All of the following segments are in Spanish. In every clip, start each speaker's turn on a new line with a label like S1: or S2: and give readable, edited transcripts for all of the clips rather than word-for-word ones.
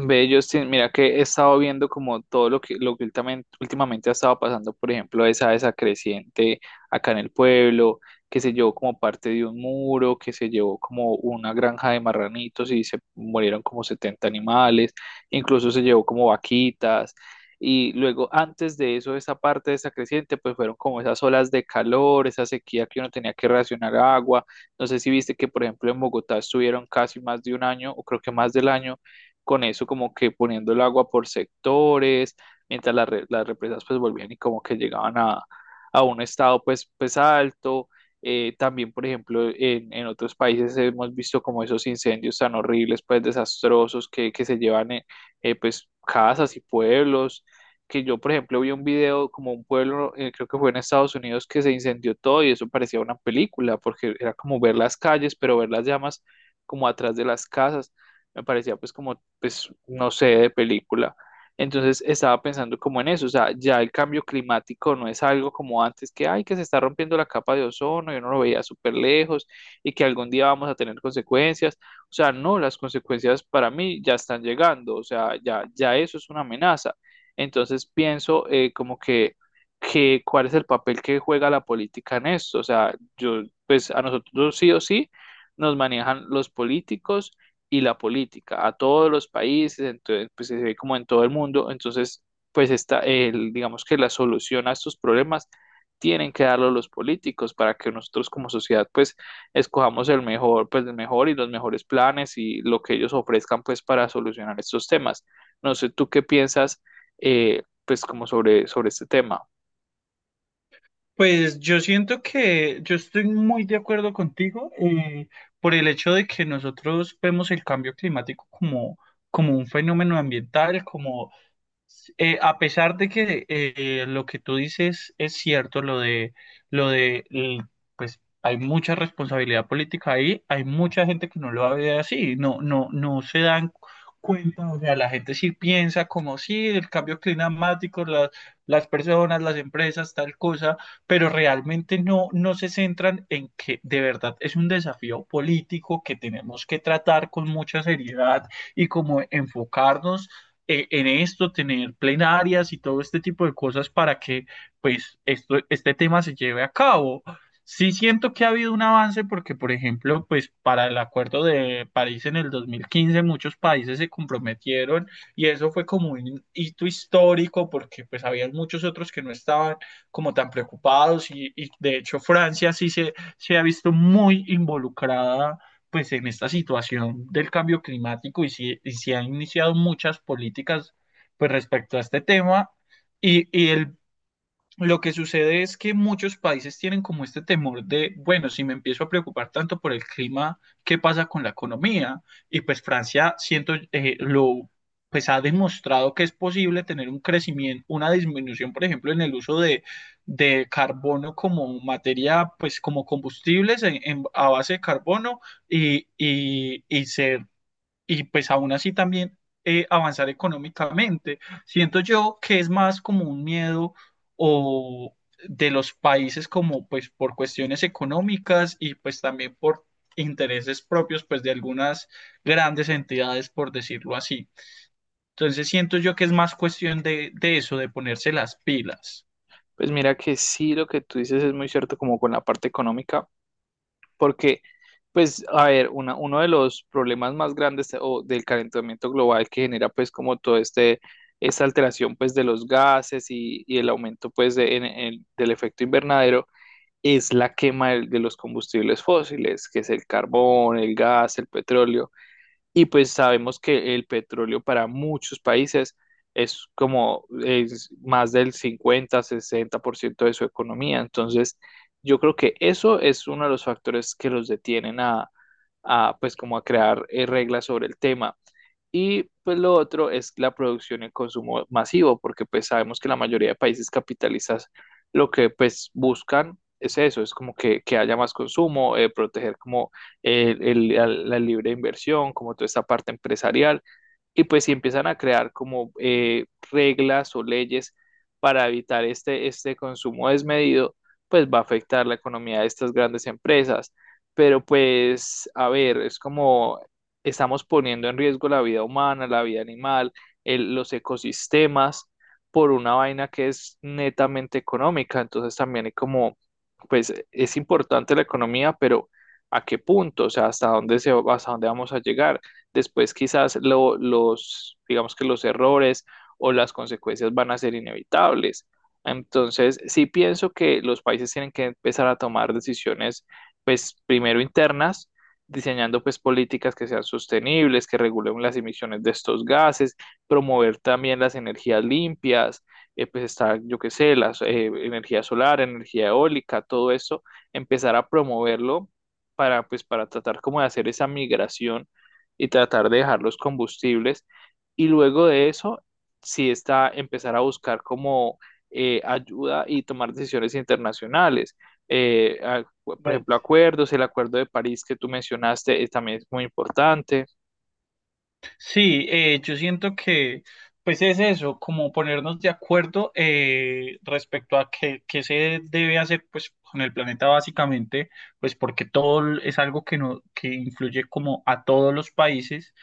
S1: Ve, Justin, mira que he estado viendo como todo lo que últimamente ha estado pasando, por ejemplo, esa creciente acá en el pueblo, que se llevó como parte de un muro, que se llevó como una granja de marranitos y se murieron como 70 animales, incluso se llevó como vaquitas. Y luego, antes de eso, esa parte de esa creciente, pues fueron como esas olas de calor, esa sequía que uno tenía que racionar agua. No sé si viste que, por ejemplo, en Bogotá estuvieron casi más de un año, o creo que más del año con eso como que poniendo el agua por sectores, mientras las represas pues volvían y como que llegaban a un estado pues alto. También, por ejemplo, en otros países hemos visto como esos incendios tan horribles, pues desastrosos que se llevan pues casas y pueblos. Que yo, por ejemplo, vi un video como un pueblo, creo que fue en Estados Unidos, que se incendió todo y eso parecía una película, porque era como ver las calles, pero ver las llamas como atrás de las casas. Me parecía pues como pues, no sé, de película. Entonces estaba pensando como en eso, o sea, ya el cambio climático no es algo como antes que, ay, que se está rompiendo la capa de ozono, yo no lo veía súper lejos y que algún día vamos a tener consecuencias. O sea, no, las consecuencias para mí ya están llegando, o sea, ya, ya eso es una amenaza. Entonces pienso como que cuál es el papel que juega la política en esto. O sea, yo, pues a nosotros sí o sí nos manejan los políticos y la política a todos los países, entonces, pues se ve como en todo el mundo, entonces, pues está, el, digamos que la solución a estos problemas tienen que darlo los políticos para que nosotros como sociedad pues escojamos el mejor, pues el mejor y los mejores planes y lo que ellos ofrezcan pues para solucionar estos temas. No sé, ¿tú qué piensas pues como sobre este tema?
S2: Pues yo siento que yo estoy muy de acuerdo contigo por el hecho de que nosotros vemos el cambio climático como un fenómeno ambiental, como a pesar de que lo que tú dices es cierto, lo de, l- pues hay mucha responsabilidad política ahí. Hay mucha gente que no lo ve así, no, no, no se dan cuenta. O sea, la gente sí piensa como sí, el cambio climático, las personas, las empresas, tal cosa, pero realmente no se centran en que de verdad es un desafío político que tenemos que tratar con mucha seriedad y como enfocarnos en esto, tener plenarias y todo este tipo de cosas para que pues este tema se lleve a cabo. Sí siento que ha habido un avance porque, por ejemplo, pues para el Acuerdo de París en el 2015 muchos países se comprometieron y eso fue como un hito histórico, porque pues había muchos otros que no estaban como tan preocupados y de hecho Francia sí se ha visto muy involucrada pues en esta situación del cambio climático, y si ha iniciado muchas políticas pues respecto a este tema. Y el Lo que sucede es que muchos países tienen como este temor de, bueno, si me empiezo a preocupar tanto por el clima, ¿qué pasa con la economía? Y pues Francia, siento, pues ha demostrado que es posible tener un crecimiento, una disminución, por ejemplo, en el uso de carbono como materia, pues como combustibles a base de carbono, y, y, y se y pues aún así también avanzar económicamente. Siento yo que es más como un miedo o de los países como pues por cuestiones económicas y pues también por intereses propios pues de algunas grandes entidades por decirlo así. Entonces siento yo que es más cuestión de eso, de ponerse las pilas.
S1: Pues mira que sí, lo que tú dices es muy cierto como con la parte económica. Porque, pues, a ver, uno de los problemas más grandes o del calentamiento global que genera, pues, como todo este, esta alteración, pues, de los gases y el aumento, pues, del efecto invernadero, es la quema de los combustibles fósiles, que es el carbón, el gas, el petróleo. Y pues sabemos que el petróleo para muchos países es como es más del 50-60% de su economía. Entonces, yo creo que eso es uno de los factores que los detienen a, pues como a crear reglas sobre el tema. Y pues lo otro es la producción en consumo masivo, porque pues sabemos que la mayoría de países capitalistas lo que pues buscan es eso, es como que haya más consumo, proteger como la libre inversión, como toda esta parte empresarial, y pues si empiezan a crear como reglas o leyes para evitar este consumo desmedido, pues va a afectar la economía de estas grandes empresas. Pero pues, a ver, es como estamos poniendo en riesgo la vida humana, la vida animal, los ecosistemas, por una vaina que es netamente económica. Entonces también hay como, pues es importante la economía, pero ¿a qué punto? O sea, ¿hasta dónde vamos a llegar? Después quizás los, digamos que los errores o las consecuencias van a ser inevitables. Entonces, sí pienso que los países tienen que empezar a tomar decisiones, pues primero internas, diseñando pues políticas que sean sostenibles, que regulen las emisiones de estos gases, promover también las energías limpias, pues está, yo qué sé, la energía solar, energía eólica, todo eso, empezar a promoverlo para pues para tratar como de hacer esa migración y tratar de dejar los combustibles y luego de eso sí está empezar a buscar como ayuda y tomar decisiones internacionales. Por ejemplo, acuerdos, el acuerdo de París que tú mencionaste también es muy importante.
S2: Sí, yo siento que pues es eso, como ponernos de acuerdo respecto a qué se debe hacer pues con el planeta básicamente, pues porque todo es algo que no, que influye como a todos los países,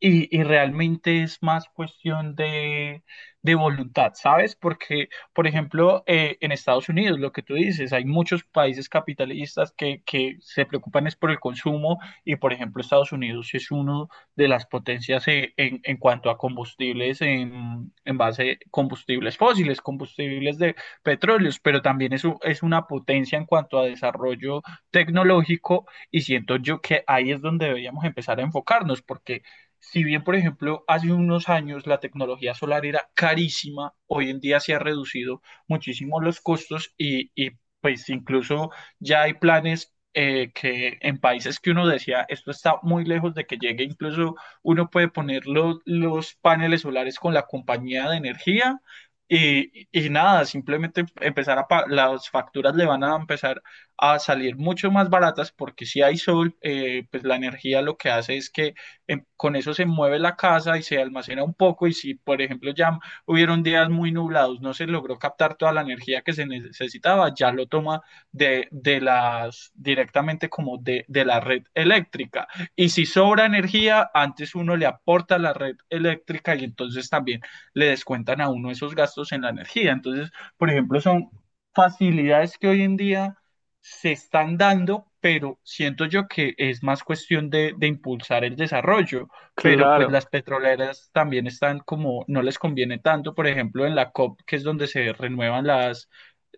S2: y realmente es más cuestión de voluntad, ¿sabes? Porque, por ejemplo, en Estados Unidos, lo que tú dices, hay muchos países capitalistas que se preocupan es por el consumo y, por ejemplo, Estados Unidos es uno de las potencias en cuanto a combustibles en base combustibles fósiles, combustibles de petróleos, pero también es una potencia en cuanto a desarrollo tecnológico, y siento yo que ahí es donde deberíamos empezar a enfocarnos, porque si bien, por ejemplo, hace unos años la tecnología solar era carísima, hoy en día se ha reducido muchísimo los costos y pues incluso ya hay planes que en países que uno decía, esto está muy lejos de que llegue. Incluso uno puede poner los paneles solares con la compañía de energía y nada, simplemente empezar las facturas le van a empezar a salir mucho más baratas, porque si hay sol, pues la energía lo que hace es que con eso se mueve la casa y se almacena un poco. Y si, por ejemplo, ya hubieron días muy nublados, no se logró captar toda la energía que se necesitaba, ya lo toma de las directamente, como de la red eléctrica. Y si sobra energía, antes uno le aporta a la red eléctrica y entonces también le descuentan a uno esos gastos en la energía. Entonces, por ejemplo, son facilidades que hoy en día se están dando, pero siento yo que es más cuestión de impulsar el desarrollo, pero pues
S1: Claro,
S2: las petroleras también están como, no
S1: que,
S2: les conviene tanto, por ejemplo, en la COP, que es donde se renuevan las,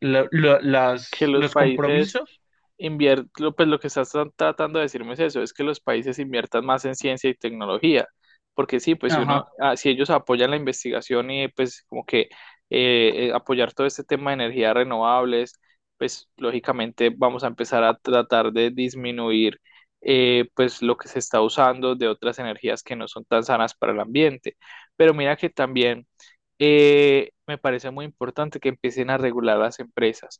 S2: la- la-
S1: que
S2: las,
S1: los
S2: los
S1: países
S2: compromisos.
S1: pues lo que estás tratando de decirme es eso, es que los países inviertan más en ciencia y tecnología, porque sí, pues si uno,
S2: Ajá.
S1: ah, si ellos apoyan la investigación y pues como que apoyar todo este tema de energías renovables, pues lógicamente vamos a empezar a tratar de disminuir pues lo que se está usando de otras energías que no son tan sanas para el ambiente. Pero mira que también me parece muy importante que empiecen a regular las empresas,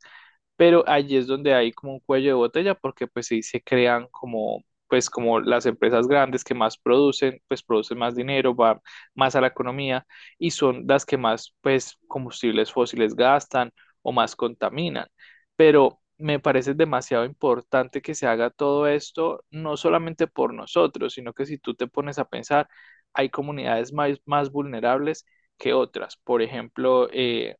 S1: pero allí es donde hay como un cuello de botella porque pues sí se crean como pues como las empresas grandes que más producen, pues producen más dinero, van más a la economía y son las que más pues combustibles fósiles gastan o más contaminan. Pero me parece demasiado importante que se haga todo esto, no solamente por nosotros, sino que si tú te pones a pensar, hay comunidades más, más vulnerables que otras. Por ejemplo,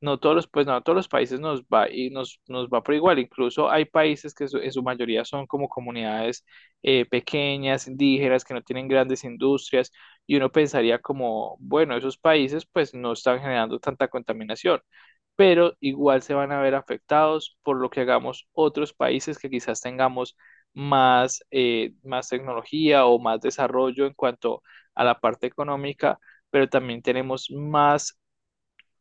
S1: no todos los, pues no, a todos los países nos va y nos va por igual. Incluso hay países que en su mayoría son como comunidades pequeñas, indígenas, que no tienen grandes industrias, y uno pensaría como, bueno, esos países pues no están generando tanta contaminación, pero igual se van a ver afectados por lo que hagamos otros países que quizás tengamos más tecnología o más desarrollo en cuanto a la parte económica, pero también tenemos más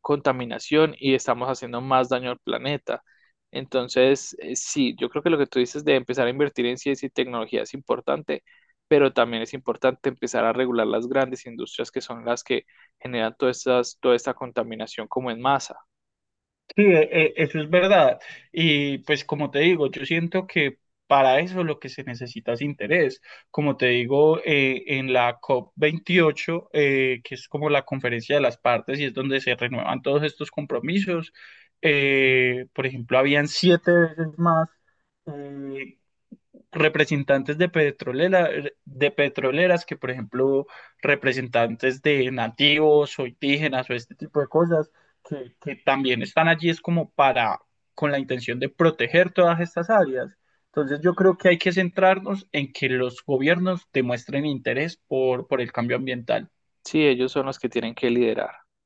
S1: contaminación y estamos haciendo más daño al planeta. Entonces, sí, yo creo que lo que tú dices de empezar a invertir en ciencia y tecnología es importante, pero también es importante empezar a regular las grandes industrias que son las que generan todas toda esta contaminación como en masa.
S2: Sí, eso es verdad. Y pues como te digo, yo siento que para eso lo que se necesita es interés. Como te digo, en la cop 28 que es como la conferencia de las partes y es donde se renuevan todos estos compromisos, por ejemplo, habían siete veces más eh, representantes de petroleras que, por ejemplo, representantes de nativos o indígenas o este tipo de cosas, que también están allí es como con la intención de proteger todas estas áreas. Entonces yo creo que hay que centrarnos en que los gobiernos demuestren interés por el cambio ambiental.
S1: Sí, ellos son los que tienen que liderar.